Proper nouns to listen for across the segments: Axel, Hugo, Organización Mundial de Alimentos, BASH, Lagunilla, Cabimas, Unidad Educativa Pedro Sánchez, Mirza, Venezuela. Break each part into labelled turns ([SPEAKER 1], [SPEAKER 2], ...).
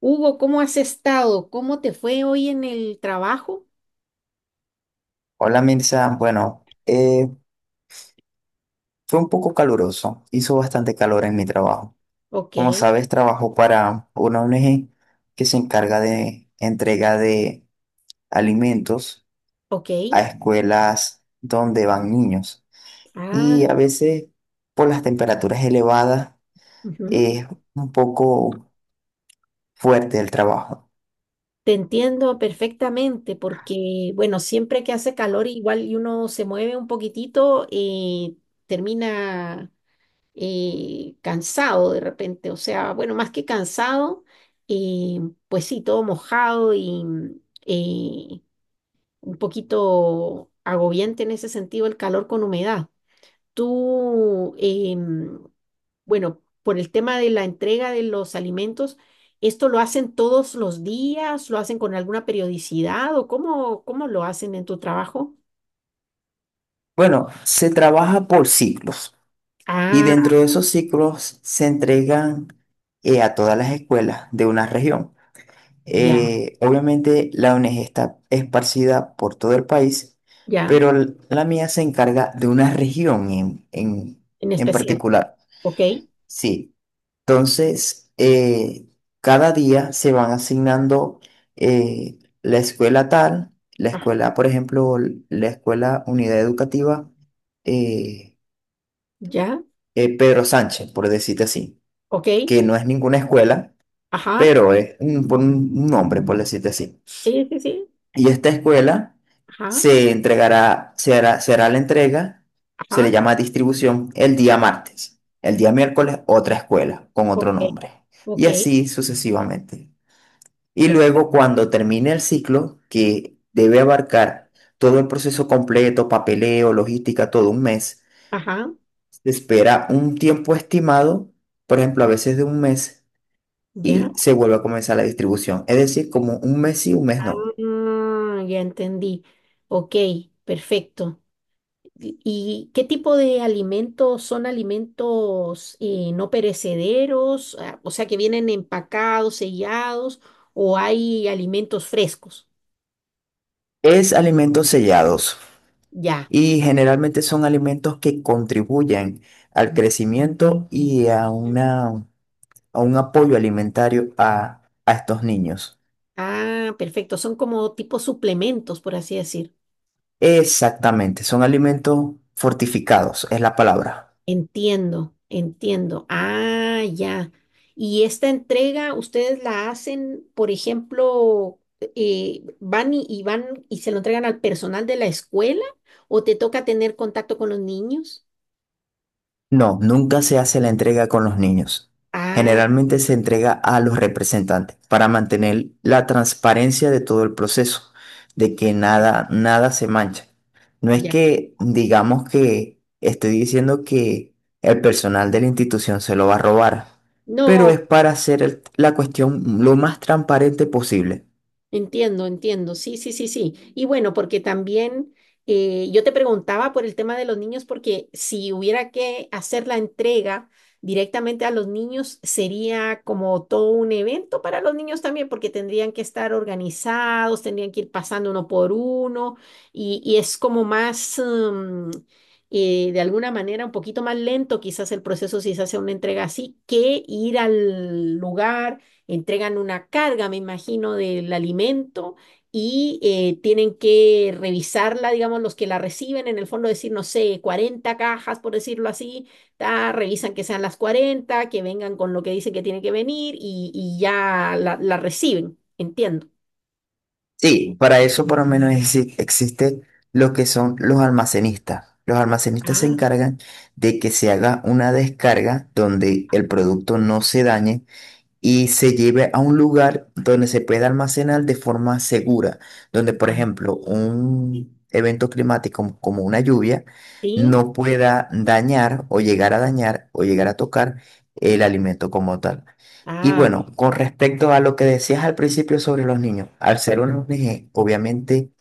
[SPEAKER 1] Hugo, ¿cómo has estado? ¿Cómo te fue hoy en el trabajo?
[SPEAKER 2] Hola Mirza, bueno, fue un poco caluroso, hizo bastante calor en mi trabajo.
[SPEAKER 1] Ok,
[SPEAKER 2] Como sabes, trabajo para una ONG que se encarga de entrega de alimentos
[SPEAKER 1] ok.
[SPEAKER 2] a escuelas donde van niños.
[SPEAKER 1] Ah,
[SPEAKER 2] Y a veces, por las temperaturas elevadas,
[SPEAKER 1] ujú.
[SPEAKER 2] es un poco fuerte el trabajo.
[SPEAKER 1] Te entiendo perfectamente porque, bueno, siempre que hace calor igual y uno se mueve un poquitito, termina cansado de repente. O sea, bueno, más que cansado, eh, pues sí, todo mojado y eh, un poquito agobiante en ese sentido el calor con humedad. ¿Tú em, Bueno, por el tema de la entrega de los alimentos, ¿esto lo hacen todos los días? ¿Lo hacen con alguna periodicidad? ¿O cómo lo hacen en tu trabajo?
[SPEAKER 2] Bueno, se trabaja por ciclos y
[SPEAKER 1] Ah,
[SPEAKER 2] dentro de esos ciclos se entregan a todas las escuelas de una región.
[SPEAKER 1] ya,
[SPEAKER 2] Obviamente la ONG está esparcida por todo el país,
[SPEAKER 1] ya,
[SPEAKER 2] pero la mía se encarga de una región
[SPEAKER 1] en
[SPEAKER 2] en
[SPEAKER 1] especial.
[SPEAKER 2] particular.
[SPEAKER 1] Ok,
[SPEAKER 2] Sí, entonces cada día se van asignando la escuela tal, la
[SPEAKER 1] ah,
[SPEAKER 2] escuela, por ejemplo, la escuela Unidad Educativa eh,
[SPEAKER 1] ya,
[SPEAKER 2] Pedro Sánchez, por decirte así,
[SPEAKER 1] ok,
[SPEAKER 2] que no es ninguna escuela,
[SPEAKER 1] ajá,
[SPEAKER 2] pero es un, por un nombre, por decirte así.
[SPEAKER 1] sí, sí, sí,
[SPEAKER 2] Y esta escuela
[SPEAKER 1] ajá,
[SPEAKER 2] se entregará, se hará la entrega, se le
[SPEAKER 1] ajá,
[SPEAKER 2] llama distribución el día martes. El día miércoles, otra escuela con otro
[SPEAKER 1] ok,
[SPEAKER 2] nombre. Y
[SPEAKER 1] ok,
[SPEAKER 2] así sucesivamente. Y
[SPEAKER 1] perfecto,
[SPEAKER 2] luego, cuando termine el ciclo, que debe abarcar todo el proceso completo, papeleo, logística, todo un mes,
[SPEAKER 1] ajá,
[SPEAKER 2] se espera un tiempo estimado, por ejemplo, a veces de un mes,
[SPEAKER 1] ya,
[SPEAKER 2] y se vuelve a comenzar la distribución. Es decir, como un mes y un mes no.
[SPEAKER 1] ya entendí, ok, perfecto. ¿Y qué tipo de alimentos son alimentos no perecederos? Ah, o sea, que vienen empacados, sellados, o hay alimentos frescos.
[SPEAKER 2] Es alimentos sellados.
[SPEAKER 1] Ya.
[SPEAKER 2] Y generalmente son alimentos que contribuyen al crecimiento y a un apoyo alimentario a estos niños.
[SPEAKER 1] Ah, perfecto. Son como tipo suplementos, por así decir.
[SPEAKER 2] Exactamente, son alimentos fortificados, es la palabra.
[SPEAKER 1] Entiendo, entiendo. Ah, ya. Y esta entrega, ustedes la hacen, por ejemplo, van y van y se lo entregan al personal de la escuela, o te toca tener contacto con los niños.
[SPEAKER 2] No, nunca se hace la entrega con los niños.
[SPEAKER 1] Ah.
[SPEAKER 2] Generalmente se entrega a los representantes para mantener la transparencia de todo el proceso, de que nada se mancha. No es
[SPEAKER 1] Ya.
[SPEAKER 2] que digamos que estoy diciendo que el personal de la institución se lo va a robar, pero
[SPEAKER 1] No,
[SPEAKER 2] es para hacer la cuestión lo más transparente posible.
[SPEAKER 1] entiendo, entiendo. Sí, sí, sí, sí. Y bueno, porque también yo te preguntaba por el tema de los niños, porque si hubiera que hacer la entrega directamente a los niños, sería como todo un evento para los niños también, porque tendrían que estar organizados, tendrían que ir pasando uno por uno, y es como más, de alguna manera, un poquito más lento quizás el proceso si se hace una entrega así, que ir al lugar entregan una carga, me imagino, del alimento y tienen que revisarla, digamos, los que la reciben, en el fondo decir, no sé, 40 cajas, por decirlo así, ta, revisan que sean las 40 que vengan con lo que dice que tiene que venir y ya la reciben, entiendo.
[SPEAKER 2] Sí, para eso por lo menos existe lo que son los almacenistas. Los almacenistas se
[SPEAKER 1] Ah,
[SPEAKER 2] encargan de que se haga una descarga donde el producto no se dañe y se lleve a un lugar donde se pueda almacenar de forma segura, donde, por
[SPEAKER 1] ya.
[SPEAKER 2] ejemplo, un evento climático como una lluvia
[SPEAKER 1] Sí,
[SPEAKER 2] no pueda dañar o llegar a dañar o llegar a tocar el alimento como tal. Y
[SPEAKER 1] ah,
[SPEAKER 2] bueno, con respecto a lo que decías al principio sobre los niños, al ser una ONG, obviamente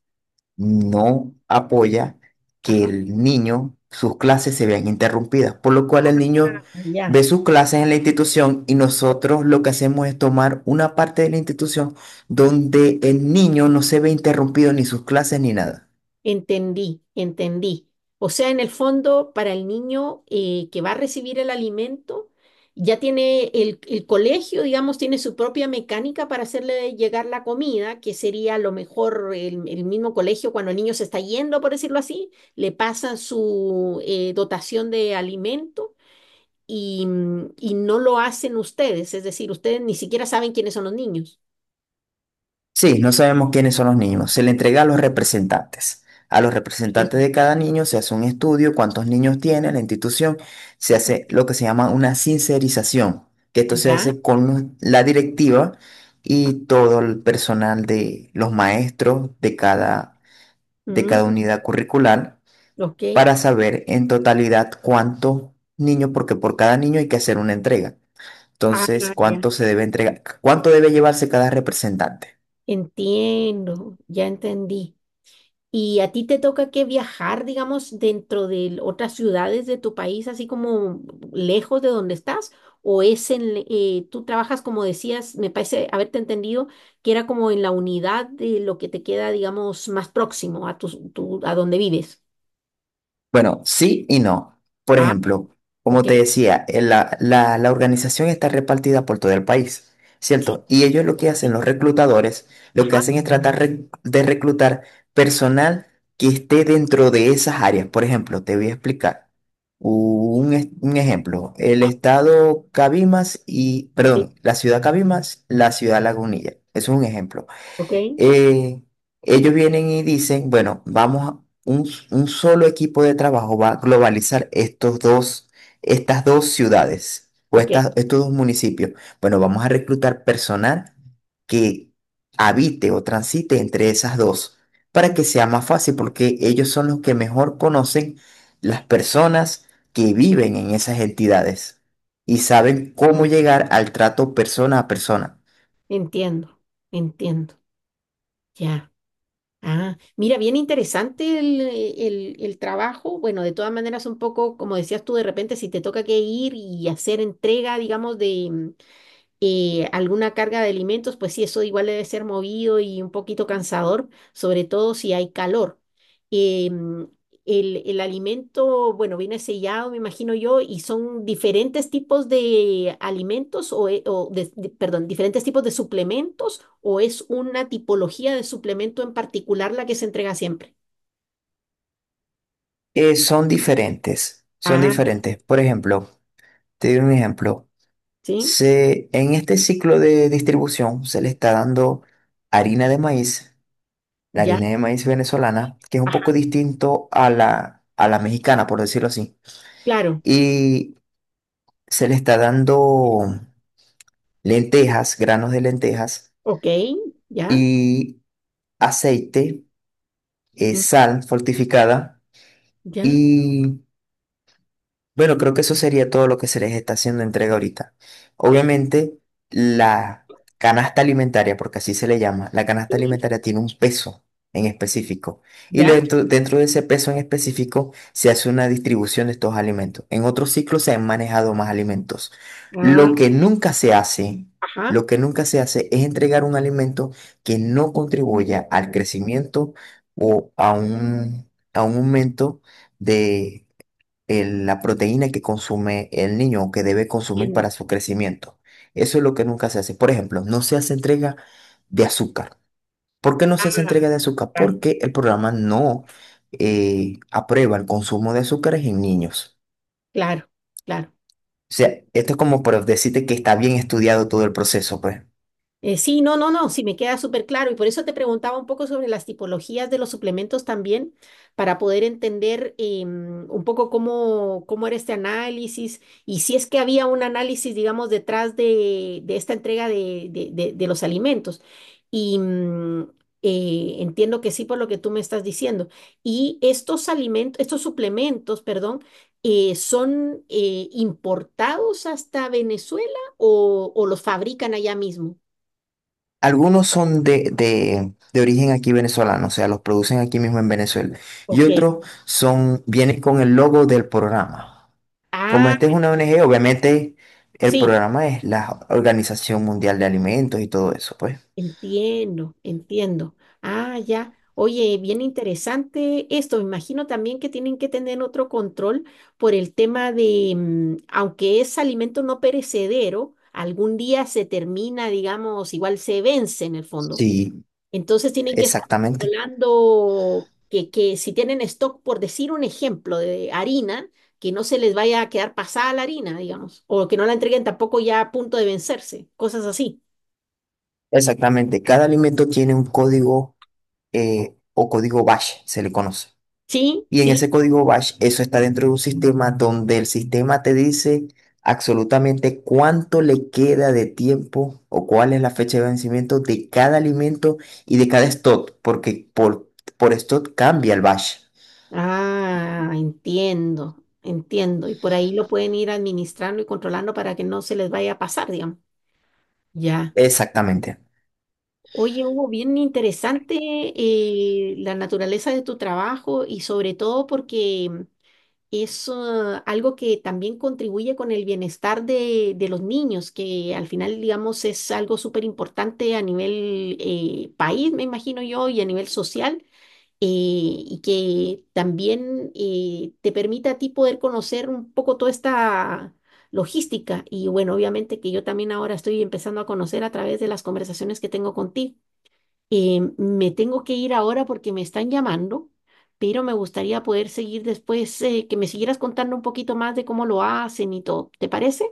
[SPEAKER 2] no apoya que
[SPEAKER 1] ajá,
[SPEAKER 2] el niño, sus clases se vean interrumpidas, por lo cual el niño
[SPEAKER 1] ya.
[SPEAKER 2] ve sus clases en la institución y nosotros lo que hacemos es tomar una parte de la institución donde el niño no se ve interrumpido ni sus clases ni nada.
[SPEAKER 1] Entendí, entendí. O sea, en el fondo, para el niño que va a recibir el alimento, ya tiene el colegio, digamos, tiene su propia mecánica para hacerle llegar la comida, que sería a lo mejor el mismo colegio cuando el niño se está yendo, por decirlo así, le pasan su dotación de alimento y no lo hacen ustedes, es decir, ustedes ni siquiera saben quiénes son los niños.
[SPEAKER 2] Sí, no sabemos quiénes son los niños. Se le entrega a los representantes. A los
[SPEAKER 1] Ya.
[SPEAKER 2] representantes de cada niño se hace un estudio, cuántos niños tiene la institución, se
[SPEAKER 1] Ajá.
[SPEAKER 2] hace lo que se llama una sincerización, que esto se
[SPEAKER 1] Ya.
[SPEAKER 2] hace con la directiva y todo el personal de los maestros de de
[SPEAKER 1] Mm,
[SPEAKER 2] cada unidad curricular
[SPEAKER 1] ok.
[SPEAKER 2] para saber en totalidad cuántos niños, porque por cada niño hay que hacer una entrega.
[SPEAKER 1] Ah,
[SPEAKER 2] Entonces,
[SPEAKER 1] ya.
[SPEAKER 2] cuánto se debe entregar, cuánto debe llevarse cada representante.
[SPEAKER 1] Entiendo, ya entendí. ¿Y a ti te toca que viajar, digamos, dentro de otras ciudades de tu país, así como lejos de donde estás? ¿O es tú trabajas, como decías, me parece haberte entendido, que era como en la unidad de lo que te queda, digamos, más próximo a a donde vives?
[SPEAKER 2] Bueno, sí y no. Por
[SPEAKER 1] Ah,
[SPEAKER 2] ejemplo, como
[SPEAKER 1] ok.
[SPEAKER 2] te decía, la organización está repartida por todo el país,
[SPEAKER 1] Sí,
[SPEAKER 2] ¿cierto? Y ellos lo que hacen,
[SPEAKER 1] sí.
[SPEAKER 2] los reclutadores, lo que
[SPEAKER 1] Ajá.
[SPEAKER 2] hacen es tratar de reclutar personal que esté dentro de esas áreas. Por ejemplo, te voy a explicar un ejemplo. El
[SPEAKER 1] Ah,
[SPEAKER 2] estado Cabimas y,
[SPEAKER 1] sí,
[SPEAKER 2] perdón, la ciudad Cabimas, la ciudad Lagunilla. Eso es un ejemplo
[SPEAKER 1] ok.
[SPEAKER 2] eh, ellos vienen y dicen, bueno, vamos a un, s- un solo equipo de trabajo va a globalizar estas dos ciudades o
[SPEAKER 1] Ok.
[SPEAKER 2] estos dos municipios. Bueno, vamos a reclutar personal que habite o transite entre esas dos para que sea más fácil, porque ellos son los que mejor conocen las personas que viven en esas entidades y saben
[SPEAKER 1] mm,
[SPEAKER 2] cómo llegar al trato persona a persona.
[SPEAKER 1] Entiendo, entiendo. Ya. Ah, mira, bien interesante el trabajo. Bueno, de todas maneras, un poco, como decías tú, de repente si te toca que ir y hacer entrega, digamos, de, alguna carga de alimentos, pues sí, eso igual debe ser movido y un poquito cansador, sobre todo si hay calor. Em, el alimento, bueno, viene sellado, me imagino yo, y son diferentes tipos de alimentos o, perdón, diferentes tipos de suplementos o es una tipología de suplemento en particular la que se entrega siempre.
[SPEAKER 2] Son diferentes, son
[SPEAKER 1] Ah,
[SPEAKER 2] diferentes. Por ejemplo, te doy un ejemplo.
[SPEAKER 1] sí,
[SPEAKER 2] Se, en este ciclo de distribución se le está dando harina de maíz, la
[SPEAKER 1] ya,
[SPEAKER 2] harina de maíz venezolana, que es un
[SPEAKER 1] ajá,
[SPEAKER 2] poco distinto a a la mexicana, por decirlo así.
[SPEAKER 1] claro,
[SPEAKER 2] Y se le está dando lentejas, granos de lentejas
[SPEAKER 1] ok, ya,
[SPEAKER 2] y aceite,
[SPEAKER 1] mm,
[SPEAKER 2] sal fortificada
[SPEAKER 1] ya,
[SPEAKER 2] y bueno, creo que eso sería todo lo que se les está haciendo entrega ahorita. Obviamente, la canasta alimentaria, porque así se le llama, la canasta
[SPEAKER 1] sí,
[SPEAKER 2] alimentaria tiene un peso en específico. Y
[SPEAKER 1] ya,
[SPEAKER 2] dentro de ese peso en específico se hace una distribución de estos alimentos. En otros ciclos se han manejado más alimentos.
[SPEAKER 1] ah,
[SPEAKER 2] Lo que nunca se hace,
[SPEAKER 1] ajá,
[SPEAKER 2] lo que nunca se hace es entregar un alimento que no contribuya al crecimiento o a un aumento de la proteína que consume el niño o que debe consumir
[SPEAKER 1] bien.
[SPEAKER 2] para su crecimiento. Eso es lo que nunca se hace. Por ejemplo, no se hace entrega de azúcar. ¿Por qué no se hace entrega de azúcar?
[SPEAKER 1] Claro,
[SPEAKER 2] Porque el programa no aprueba el consumo de azúcares en niños.
[SPEAKER 1] claro. Claro.
[SPEAKER 2] O sea, esto es como para decirte que está bien estudiado todo el proceso, pues.
[SPEAKER 1] Sí, no, no, no, sí me queda súper claro y por eso te preguntaba un poco sobre las tipologías de los suplementos también, para poder entender un poco cómo era este análisis y si es que había un análisis, digamos, detrás de esta entrega de los alimentos. Y entiendo que sí por lo que tú me estás diciendo. Y estos alimentos, estos suplementos, perdón, ¿son importados hasta Venezuela o los fabrican allá mismo?
[SPEAKER 2] Algunos son de origen aquí venezolano, o sea, los producen aquí mismo en Venezuela. Y
[SPEAKER 1] Ok.
[SPEAKER 2] otros son, vienen con el logo del programa. Como
[SPEAKER 1] Ah,
[SPEAKER 2] esta es una ONG, obviamente el
[SPEAKER 1] sí,
[SPEAKER 2] programa es la Organización Mundial de Alimentos y todo eso, pues.
[SPEAKER 1] entiendo, entiendo. Ah, ya. Oye, bien interesante esto. Me imagino también que tienen que tener otro control por el tema de, aunque es alimento no perecedero, algún día se termina, digamos, igual se vence en el fondo.
[SPEAKER 2] Sí,
[SPEAKER 1] Entonces tienen que estar
[SPEAKER 2] exactamente.
[SPEAKER 1] controlando que si tienen stock, por decir un ejemplo, de harina, que no se les vaya a quedar pasada la harina, digamos, o que no la entreguen tampoco ya a punto de vencerse, cosas así.
[SPEAKER 2] Exactamente. Cada alimento tiene un código o código BASH, se le conoce.
[SPEAKER 1] Sí,
[SPEAKER 2] Y en
[SPEAKER 1] sí.
[SPEAKER 2] ese código BASH, eso está dentro de un sistema donde el sistema te dice absolutamente cuánto le queda de tiempo o cuál es la fecha de vencimiento de cada alimento y de cada stock, porque por stock cambia el BASH.
[SPEAKER 1] Ah, entiendo, entiendo. Y por ahí lo pueden ir administrando y controlando para que no se les vaya a pasar, digamos. Ya.
[SPEAKER 2] Exactamente.
[SPEAKER 1] Oye, Hugo, bien interesante la naturaleza de tu trabajo y sobre todo porque es algo que también contribuye con el bienestar de los niños, que al final, digamos, es algo súper importante a nivel país, me imagino yo, y a nivel social, y que también te permite a ti poder conocer un poco toda esta logística. Y bueno, obviamente que yo también ahora estoy empezando a conocer a través de las conversaciones que tengo contigo. Me tengo que ir ahora porque me están llamando, pero me gustaría poder seguir después, que me siguieras contando un poquito más de cómo lo hacen y todo. ¿Te parece?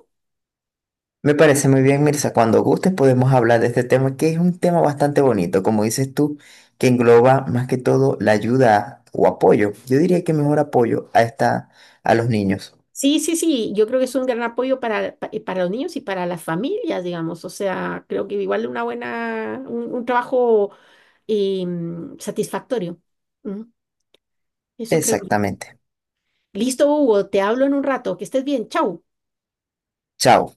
[SPEAKER 2] Me parece muy bien, Mirza. Cuando gustes podemos hablar de este tema, que es un tema bastante bonito, como dices tú, que engloba más que todo la ayuda o apoyo. Yo diría que mejor apoyo a esta, a los niños.
[SPEAKER 1] Sí, sí, sí, yo creo que es un gran apoyo para los niños y para las familias, digamos. O sea, creo que igual una buena, un trabajo eh, satisfactorio. Ujú. Eso creo yo.
[SPEAKER 2] Exactamente.
[SPEAKER 1] Listo, Hugo, te hablo en un rato. Que estés bien. Chau.
[SPEAKER 2] Chao.